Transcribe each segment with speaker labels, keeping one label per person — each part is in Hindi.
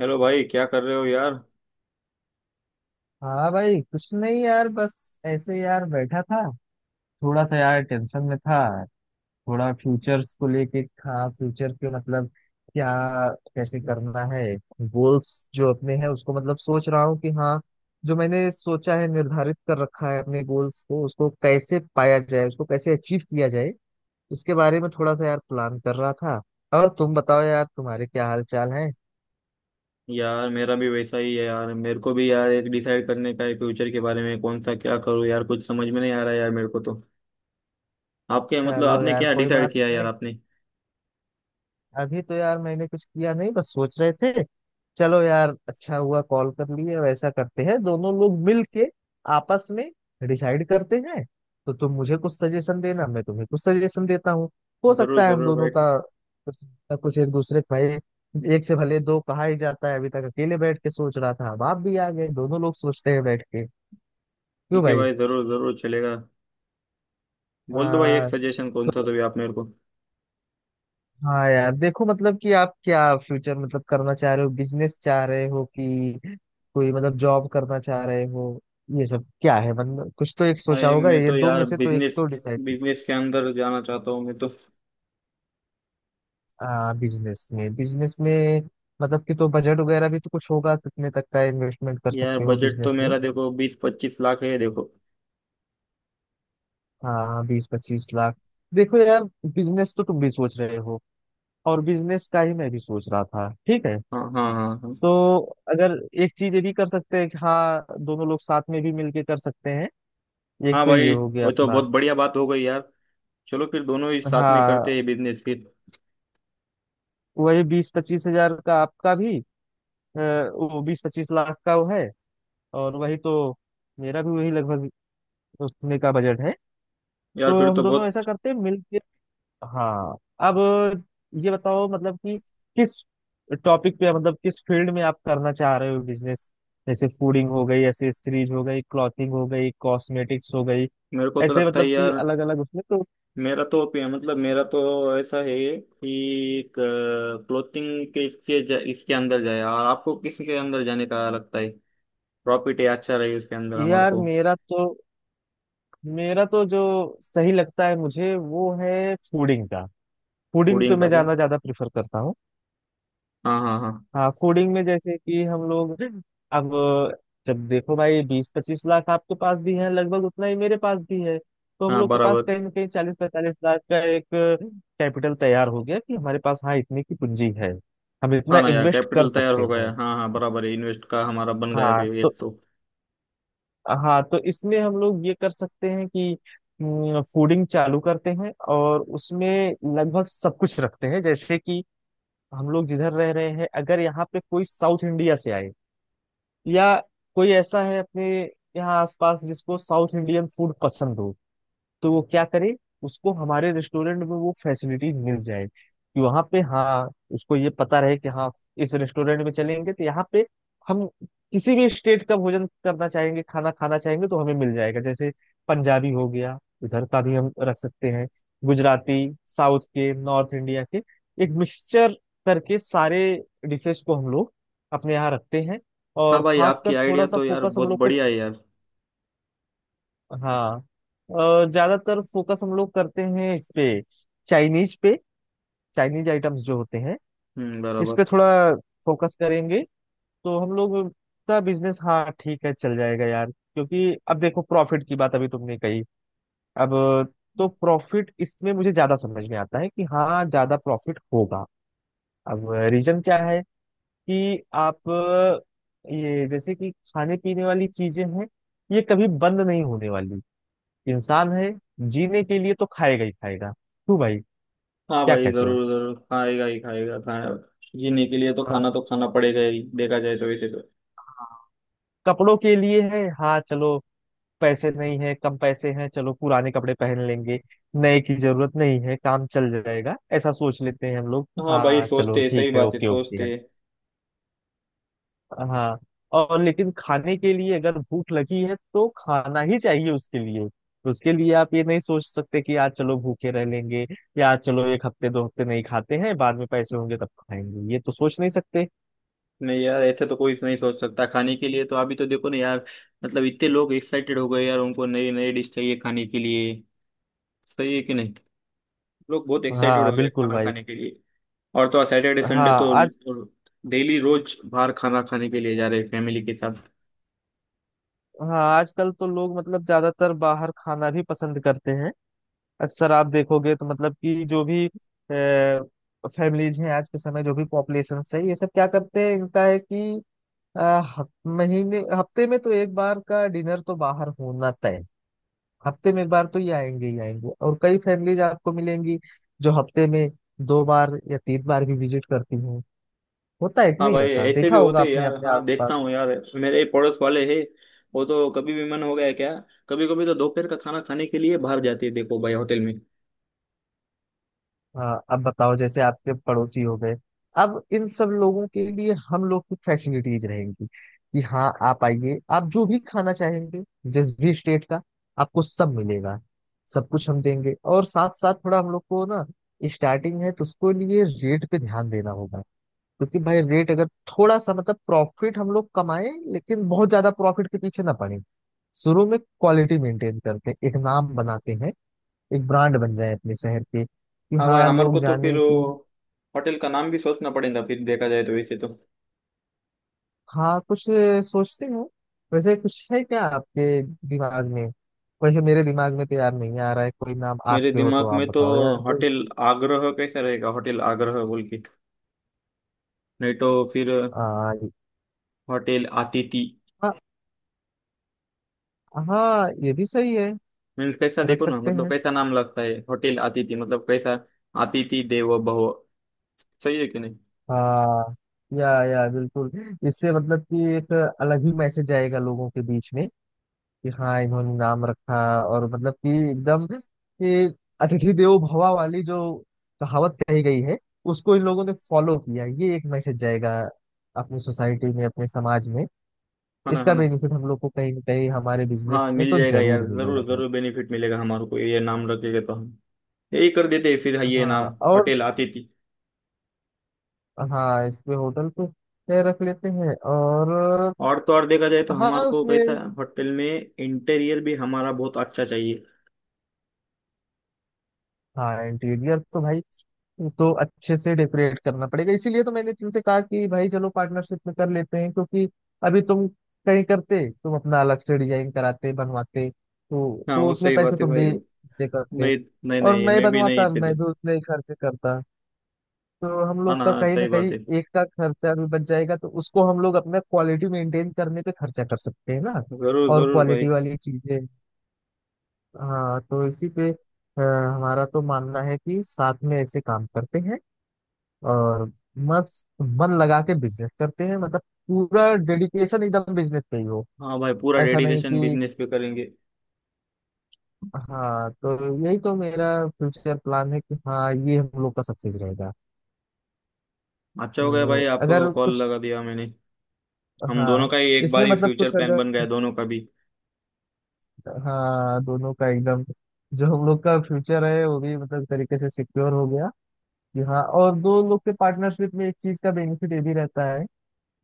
Speaker 1: हेलो भाई क्या कर रहे हो यार।
Speaker 2: हाँ भाई, कुछ नहीं यार, बस ऐसे यार बैठा था। थोड़ा सा यार टेंशन में था। थोड़ा फ्यूचर्स को लेके। हाँ, फ्यूचर के मतलब क्या, कैसे करना है। गोल्स जो अपने हैं उसको मतलब सोच रहा हूँ कि हाँ, जो मैंने सोचा है, निर्धारित कर रखा है अपने गोल्स को, उसको कैसे पाया जाए, उसको कैसे अचीव किया जाए, इसके बारे में थोड़ा सा यार प्लान कर रहा था। और तुम बताओ यार, तुम्हारे क्या हाल चाल है।
Speaker 1: यार मेरा भी वैसा ही है यार, मेरे को भी यार एक डिसाइड करने का है फ्यूचर के बारे में कौन सा क्या करूँ यार, कुछ समझ में नहीं आ रहा है यार मेरे को तो। आपके मतलब
Speaker 2: चलो
Speaker 1: आपने
Speaker 2: यार,
Speaker 1: क्या
Speaker 2: कोई
Speaker 1: डिसाइड
Speaker 2: बात
Speaker 1: किया है यार
Speaker 2: नहीं।
Speaker 1: आपने।
Speaker 2: अभी तो यार मैंने कुछ किया नहीं, बस सोच रहे थे। चलो यार, अच्छा हुआ कॉल कर लिए। वैसा करते हैं, दोनों लोग मिल के आपस में डिसाइड करते हैं। तो तुम मुझे कुछ सजेशन देना, मैं तुम्हें कुछ सजेशन देता हूँ। हो
Speaker 1: जरूर
Speaker 2: सकता है हम
Speaker 1: जरूर
Speaker 2: दोनों
Speaker 1: भाई।
Speaker 2: का कुछ ना कुछ एक दूसरे का। एक से भले दो कहा ही जाता है। अभी तक अकेले बैठ के सोच रहा था, अब आप भी आ गए, दोनों लोग सोचते हैं बैठ के। क्यों
Speaker 1: ठीक है
Speaker 2: भाई?
Speaker 1: भाई, जरूर जरूर चलेगा। बोल दो भाई एक
Speaker 2: आ,
Speaker 1: सजेशन कौन सा तो
Speaker 2: तो
Speaker 1: भी आप मेरे को।
Speaker 2: हाँ यार, देखो, मतलब कि आप क्या फ्यूचर मतलब करना चाह रहे हो, बिजनेस चाह रहे हो कि कोई मतलब जॉब करना चाह रहे हो। ये सब क्या है मतलब? कुछ तो एक सोचा
Speaker 1: अरे
Speaker 2: होगा,
Speaker 1: मैं
Speaker 2: ये
Speaker 1: तो
Speaker 2: दो
Speaker 1: यार
Speaker 2: में से तो एक
Speaker 1: बिजनेस
Speaker 2: तो डिसाइड।
Speaker 1: बिजनेस के अंदर जाना चाहता हूँ मैं तो।
Speaker 2: हाँ, बिजनेस में बिजनेस में। मतलब कि तो बजट वगैरह भी तो कुछ होगा, कितने तक का इन्वेस्टमेंट कर
Speaker 1: यार
Speaker 2: सकते हो
Speaker 1: बजट तो
Speaker 2: बिजनेस में?
Speaker 1: मेरा देखो 20-25 लाख है देखो।
Speaker 2: हाँ, 20-25 लाख। देखो यार, बिजनेस तो तुम भी सोच रहे हो और बिजनेस का ही मैं भी सोच रहा था, ठीक है।
Speaker 1: हाँ हाँ हाँ हाँ।
Speaker 2: तो अगर एक चीज ये भी कर सकते हैं कि हाँ, दोनों लोग साथ में भी मिलके कर सकते हैं। एक
Speaker 1: हाँ
Speaker 2: तो ये
Speaker 1: भाई,
Speaker 2: हो गया
Speaker 1: वो तो बहुत
Speaker 2: अपना।
Speaker 1: बढ़िया बात हो गई यार। चलो फिर दोनों ही साथ में
Speaker 2: हाँ,
Speaker 1: करते हैं बिजनेस फिर।
Speaker 2: वही 20-25 हज़ार का आपका भी, वो 20-25 लाख का वो है, और वही तो मेरा भी वही लगभग उतने का बजट है।
Speaker 1: यार
Speaker 2: तो
Speaker 1: फिर
Speaker 2: हम
Speaker 1: तो
Speaker 2: दोनों ऐसा
Speaker 1: बहुत।
Speaker 2: करते हैं मिल। हाँ, अब ये बताओ मतलब कि किस टॉपिक पे मतलब किस फील्ड में आप करना चाह रहे हो बिजनेस? जैसे फूडिंग हो गई, एसेसरीज हो गई, क्लॉथिंग हो गई, कॉस्मेटिक्स हो गई,
Speaker 1: मेरे को तो
Speaker 2: ऐसे
Speaker 1: लगता है
Speaker 2: मतलब कि
Speaker 1: यार,
Speaker 2: अलग अलग उसमें तो।
Speaker 1: मेरा तो ओपिनियन मतलब मेरा तो ऐसा है कि क्लोथिंग के इसके इसके अंदर जाए, और आपको किसके अंदर जाने का लगता है प्रॉफिट है, अच्छा रहे इसके अंदर हमारे
Speaker 2: यार
Speaker 1: को।
Speaker 2: मेरा तो, जो सही लगता है मुझे, वो है फूडिंग का। फूडिंग पे
Speaker 1: फूडिंग
Speaker 2: मैं
Speaker 1: का क्या।
Speaker 2: जाना ज्यादा प्रेफर करता हूँ।
Speaker 1: हाँ हाँ हाँ।
Speaker 2: हाँ, फूडिंग में जैसे कि हम लोग, अब जब देखो भाई, 20-25 लाख आपके पास भी है, लगभग उतना ही मेरे पास भी है, तो हम
Speaker 1: हाँ
Speaker 2: लोग के पास
Speaker 1: बराबर।
Speaker 2: कहीं ना कहीं 40-45 लाख का एक कैपिटल तैयार हो गया कि हमारे पास हाँ इतनी की पूंजी है, हम इतना
Speaker 1: हाँ ना यार,
Speaker 2: इन्वेस्ट कर
Speaker 1: कैपिटल तैयार
Speaker 2: सकते
Speaker 1: हो गया,
Speaker 2: हैं।
Speaker 1: हाँ हाँ बराबर है, इन्वेस्ट का हमारा बन गया
Speaker 2: हाँ
Speaker 1: अभी
Speaker 2: तो
Speaker 1: एक तो।
Speaker 2: हाँ तो इसमें हम लोग ये कर सकते हैं कि फूडिंग चालू करते हैं और उसमें लगभग सब कुछ रखते हैं। जैसे कि हम लोग जिधर रह रहे हैं, अगर यहाँ पे कोई साउथ इंडिया से आए, या कोई ऐसा है अपने यहाँ आसपास जिसको साउथ इंडियन फूड पसंद हो, तो वो क्या करे? उसको हमारे रेस्टोरेंट में वो फैसिलिटी मिल जाए कि वहां पे हाँ, उसको ये पता रहे कि हाँ, इस रेस्टोरेंट में चलेंगे तो यहाँ पे हम किसी भी स्टेट का भोजन करना चाहेंगे, खाना खाना चाहेंगे तो हमें मिल जाएगा। जैसे पंजाबी हो गया, इधर का भी हम रख सकते हैं, गुजराती, साउथ के, नॉर्थ इंडिया के, एक मिक्सचर करके सारे डिशेस को हम लोग अपने यहाँ रखते हैं।
Speaker 1: हाँ
Speaker 2: और
Speaker 1: भाई आपकी
Speaker 2: खासकर थोड़ा
Speaker 1: आइडिया
Speaker 2: सा
Speaker 1: तो यार
Speaker 2: फोकस हम
Speaker 1: बहुत
Speaker 2: लोग को,
Speaker 1: बढ़िया है यार।
Speaker 2: हाँ, और ज्यादातर फोकस हम लोग करते हैं इस पे, चाइनीज पे। चाइनीज आइटम्स जो होते हैं
Speaker 1: हम्म,
Speaker 2: इस
Speaker 1: बराबर।
Speaker 2: पे थोड़ा फोकस करेंगे, तो हम लोग का बिजनेस हाँ ठीक है चल जाएगा यार। क्योंकि अब देखो, प्रॉफिट की बात अभी तुमने कही। अब तो प्रॉफिट इसमें मुझे ज्यादा समझ में आता है कि हाँ, ज्यादा प्रॉफिट होगा। अब रीजन क्या है कि आप ये जैसे कि खाने पीने वाली चीजें हैं, ये कभी बंद नहीं होने वाली। इंसान है, जीने के लिए तो खाएगा ही खाएगा। क्यों भाई,
Speaker 1: हाँ
Speaker 2: क्या
Speaker 1: भाई,
Speaker 2: कहते हो?
Speaker 1: जरूर जरूर खाएगा ही खाएगा खाना। जीने के लिए
Speaker 2: हाँ,
Speaker 1: तो खाना पड़ेगा ही, देखा जाए तो वैसे तो।
Speaker 2: हाँ। कपड़ों के लिए है हाँ, चलो पैसे नहीं है, कम पैसे हैं, चलो पुराने कपड़े पहन लेंगे, नए की जरूरत नहीं है, काम चल जाएगा, ऐसा सोच लेते हैं हम लोग।
Speaker 1: हाँ भाई
Speaker 2: हाँ, चलो
Speaker 1: सोचते हैं, सही
Speaker 2: ठीक है,
Speaker 1: बात है
Speaker 2: ओके ओके
Speaker 1: सोचते
Speaker 2: है।
Speaker 1: हैं।
Speaker 2: हाँ, और लेकिन खाने के लिए अगर भूख लगी है तो खाना ही चाहिए। उसके लिए, उसके लिए आप ये नहीं सोच सकते कि आज चलो भूखे रह लेंगे, या आज चलो एक हफ्ते दो हफ्ते नहीं खाते हैं, बाद में पैसे होंगे तब खाएंगे, ये तो सोच नहीं सकते।
Speaker 1: नहीं यार, ऐसे तो कोई नहीं सोच सकता खाने के लिए तो, अभी तो देखो ना यार, मतलब इतने लोग एक्साइटेड हो गए यार, उनको नई नई डिश चाहिए खाने के लिए। सही है कि नहीं। लोग बहुत एक्साइटेड
Speaker 2: हाँ
Speaker 1: हो गए
Speaker 2: बिल्कुल
Speaker 1: खाना
Speaker 2: भाई।
Speaker 1: खाने के लिए। और तो सैटरडे संडे
Speaker 2: हाँ
Speaker 1: तो
Speaker 2: आज
Speaker 1: डेली रोज बाहर खाना खाने के लिए जा रहे हैं फैमिली के साथ।
Speaker 2: हाँ, आजकल तो लोग मतलब ज्यादातर बाहर खाना भी पसंद करते हैं। अक्सर आप देखोगे तो मतलब कि जो भी फैमिलीज हैं आज के समय, जो भी पॉपुलेशन है, ये सब क्या करते हैं, इनका है कि अ, हफ- महीने, हफ्ते में तो एक बार का डिनर तो बाहर होना तय है। हफ्ते में एक बार तो ये आएंगे ही आएंगे, और कई फैमिलीज आपको मिलेंगी जो हफ्ते में 2 बार या 3 बार भी विजिट करती हैं। होता है कि
Speaker 1: हाँ
Speaker 2: नहीं,
Speaker 1: भाई
Speaker 2: ऐसा
Speaker 1: ऐसे भी
Speaker 2: देखा होगा
Speaker 1: होते हैं
Speaker 2: आपने
Speaker 1: यार,
Speaker 2: अपने
Speaker 1: हाँ देखता
Speaker 2: आसपास।
Speaker 1: हूँ यार, मेरे पड़ोस वाले हैं, वो तो कभी भी मन हो गया क्या, कभी कभी तो दोपहर का खाना खाने के लिए बाहर जाते हैं देखो भाई होटल में।
Speaker 2: हाँ, अब बताओ, जैसे आपके पड़ोसी हो गए, अब इन सब लोगों के लिए हम लोग की फैसिलिटीज रहेंगी कि हाँ आप आइए, आप जो भी खाना चाहेंगे, जिस भी स्टेट का, आपको सब मिलेगा, सब कुछ हम देंगे। और साथ साथ थोड़ा हम लोग को ना, स्टार्टिंग है तो उसको लिए रेट पे ध्यान देना होगा। क्योंकि भाई रेट अगर थोड़ा सा, मतलब प्रॉफिट हम लोग कमाएं लेकिन बहुत ज्यादा प्रॉफिट के पीछे ना पड़े। शुरू में क्वालिटी मेंटेन करते हैं, एक नाम बनाते हैं, एक ब्रांड बन जाए अपने शहर के कि
Speaker 1: हाँ भाई
Speaker 2: हाँ
Speaker 1: हमारे
Speaker 2: लोग
Speaker 1: को तो फिर
Speaker 2: जाने
Speaker 1: वो
Speaker 2: कि।
Speaker 1: होटल का नाम भी सोचना पड़ेगा फिर, देखा जाए तो वैसे तो।
Speaker 2: हाँ, कुछ सोचते हो? वैसे कुछ है क्या आपके दिमाग में? वैसे मेरे दिमाग में तो यार नहीं आ रहा है कोई नाम,
Speaker 1: मेरे
Speaker 2: आपके हो तो
Speaker 1: दिमाग
Speaker 2: आप
Speaker 1: में तो
Speaker 2: बताओ यार कोई।
Speaker 1: होटल आग्रह कैसा रहेगा, होटल आग्रह बोल के, नहीं तो फिर
Speaker 2: आ,
Speaker 1: होटल अतिथि।
Speaker 2: हाँ, हाँ, ये भी सही है,
Speaker 1: मीन्स कैसा,
Speaker 2: रख
Speaker 1: देखो ना,
Speaker 2: सकते
Speaker 1: मतलब
Speaker 2: हैं।
Speaker 1: कैसा नाम लगता है होटल अतिथि, मतलब कैसा। अतिथि देवो भव, सही है कि नहीं।
Speaker 2: हाँ, या बिल्कुल। इससे मतलब कि एक अलग ही मैसेज आएगा लोगों के बीच में कि हाँ, इन्होंने नाम रखा, और मतलब कि एकदम कि अतिथि देवो भवा वाली जो कहावत कही गई है, उसको इन लोगों ने फॉलो किया, ये एक मैसेज जाएगा अपनी सोसाइटी में, अपने समाज में।
Speaker 1: है ना, है
Speaker 2: इसका
Speaker 1: ना।
Speaker 2: बेनिफिट हम लोग को कहीं ना कहीं हमारे बिजनेस
Speaker 1: हाँ
Speaker 2: में
Speaker 1: मिल
Speaker 2: तो
Speaker 1: जाएगा यार,
Speaker 2: जरूर मिलेगा
Speaker 1: जरूर
Speaker 2: भाई।
Speaker 1: जरूर बेनिफिट मिलेगा हमारे को, ये नाम रखेगा तो हम यही कर देते हैं फिर ये नाम,
Speaker 2: हाँ, और
Speaker 1: होटल अतिथि।
Speaker 2: हाँ, इस पे होटल पे ये रख लेते हैं और।
Speaker 1: और तो और, देखा जाए तो हमारे
Speaker 2: हाँ,
Speaker 1: को कैसा
Speaker 2: उसमें
Speaker 1: है, होटल में इंटीरियर भी हमारा बहुत अच्छा चाहिए।
Speaker 2: हाँ, इंटीरियर तो भाई, तो अच्छे से डेकोरेट करना पड़ेगा। इसीलिए तो मैंने तुमसे कहा कि भाई चलो पार्टनरशिप में कर लेते हैं, क्योंकि अभी तुम कहीं करते, तुम अपना अलग से डिजाइन कराते बनवाते तो
Speaker 1: हाँ
Speaker 2: तो
Speaker 1: वो
Speaker 2: उतने
Speaker 1: सही
Speaker 2: पैसे
Speaker 1: बात है
Speaker 2: तुम
Speaker 1: भाई।
Speaker 2: भी खर्चे करते,
Speaker 1: नहीं, नहीं
Speaker 2: और
Speaker 1: नहीं
Speaker 2: मैं
Speaker 1: मैं भी नहीं
Speaker 2: बनवाता
Speaker 1: इतने
Speaker 2: मैं
Speaker 1: थे।
Speaker 2: भी उतने ही खर्चे करता। तो हम
Speaker 1: हाँ
Speaker 2: लोग
Speaker 1: ना,
Speaker 2: का
Speaker 1: हाँ
Speaker 2: कहीं ना
Speaker 1: सही बात
Speaker 2: कहीं
Speaker 1: है।
Speaker 2: एक का खर्चा भी बच जाएगा, तो उसको हम लोग अपना क्वालिटी मेंटेन करने पे खर्चा कर सकते हैं ना,
Speaker 1: जरूर
Speaker 2: और
Speaker 1: जरूर भाई।
Speaker 2: क्वालिटी वाली चीजें। हाँ, तो इसी पे हमारा तो मानना है कि साथ में ऐसे काम करते हैं, और मस्त मन लगा के बिजनेस करते हैं। मतलब पूरा डेडिकेशन एकदम बिजनेस पे ही हो,
Speaker 1: हाँ भाई, पूरा
Speaker 2: ऐसा नहीं
Speaker 1: डेडिकेशन
Speaker 2: कि।
Speaker 1: बिजनेस पे करेंगे।
Speaker 2: हाँ, तो यही तो मेरा फ्यूचर प्लान है कि हाँ, ये हम लोग का सक्सेस रहेगा।
Speaker 1: अच्छा हो गया
Speaker 2: तो
Speaker 1: भाई आपको
Speaker 2: अगर
Speaker 1: कॉल
Speaker 2: कुछ,
Speaker 1: लगा दिया मैंने। हम दोनों
Speaker 2: हाँ,
Speaker 1: का ही एक
Speaker 2: इसमें
Speaker 1: बार ही
Speaker 2: मतलब
Speaker 1: फ्यूचर
Speaker 2: कुछ
Speaker 1: प्लान
Speaker 2: अगर,
Speaker 1: बन गया दोनों का भी।
Speaker 2: हाँ, दोनों का एकदम, जो हम लोग का फ्यूचर है वो भी मतलब तरीके से सिक्योर हो गया कि हाँ। और दो लोग के पार्टनरशिप में एक चीज का बेनिफिट ये भी रहता है,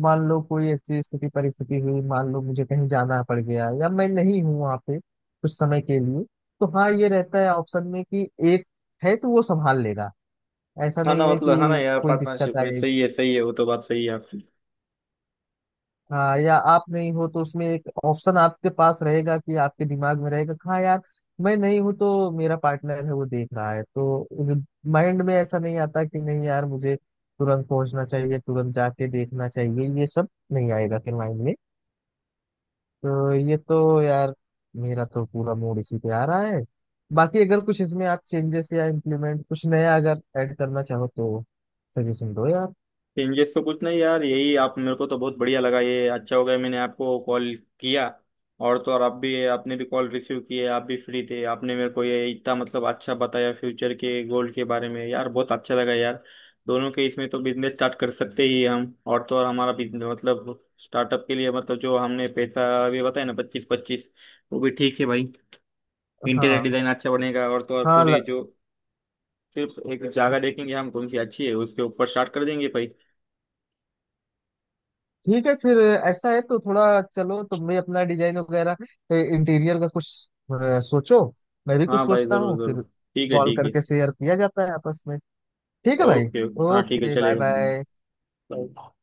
Speaker 2: मान लो कोई ऐसी स्थिति परिस्थिति हुई, मान लो मुझे कहीं जाना पड़ गया, या मैं नहीं हूँ वहां पे कुछ समय के लिए, तो हाँ, ये रहता है ऑप्शन में कि एक है तो वो संभाल लेगा, ऐसा
Speaker 1: हाँ
Speaker 2: नहीं
Speaker 1: ना,
Speaker 2: है
Speaker 1: मतलब हाँ ना
Speaker 2: कि
Speaker 1: यार,
Speaker 2: कोई दिक्कत
Speaker 1: पार्टनरशिप में
Speaker 2: आए।
Speaker 1: सही है, सही है, वो तो बात सही है आपकी।
Speaker 2: हाँ, या आप नहीं हो तो उसमें एक ऑप्शन आपके पास रहेगा, कि आपके दिमाग में रहेगा कि हाँ यार, मैं नहीं हूँ तो मेरा पार्टनर है, वो देख रहा है, तो माइंड में ऐसा नहीं आता कि नहीं यार मुझे तुरंत पहुंचना चाहिए, तुरंत जाके देखना चाहिए, ये सब नहीं आएगा फिर माइंड में। तो ये तो यार, मेरा तो पूरा मूड इसी पे आ रहा है। बाकी अगर कुछ इसमें आप चेंजेस या इम्प्लीमेंट कुछ नया अगर ऐड करना चाहो तो सजेशन दो यार।
Speaker 1: चेंजेस तो कुछ नहीं यार, यही, आप मेरे को तो बहुत बढ़िया लगा, ये अच्छा हो गया मैंने आपको कॉल किया। और तो और आप भी, आपने भी कॉल रिसीव किए, आप भी फ्री थे, आपने मेरे को ये इतना मतलब अच्छा बताया फ्यूचर के गोल के बारे में यार, बहुत अच्छा लगा यार। दोनों के इसमें तो बिजनेस स्टार्ट कर सकते ही हम, और तो और हमारा बिजनेस मतलब स्टार्टअप के लिए मतलब जो हमने पैसा अभी बताया ना, 25-25, वो भी ठीक है भाई। इंटीरियर
Speaker 2: हाँ
Speaker 1: डिजाइन अच्छा बनेगा, और तो और
Speaker 2: हाँ ल-
Speaker 1: पूरे जो सिर्फ एक जगह देखेंगे हम कौन सी अच्छी है उसके ऊपर स्टार्ट कर देंगे भाई।
Speaker 2: ठीक है फिर। ऐसा है तो थोड़ा चलो, तुम भी अपना डिजाइन वगैरह इंटीरियर का कुछ सोचो, मैं भी कुछ
Speaker 1: हाँ भाई
Speaker 2: सोचता
Speaker 1: जरूर
Speaker 2: हूँ,
Speaker 1: जरूर
Speaker 2: फिर
Speaker 1: ठीक है,
Speaker 2: कॉल
Speaker 1: ठीक है।
Speaker 2: करके शेयर किया जाता है आपस में। ठीक है भाई।
Speaker 1: ओके ओके, हाँ ठीक है
Speaker 2: ओके, बाय
Speaker 1: चलेगा।
Speaker 2: बाय।
Speaker 1: Bye.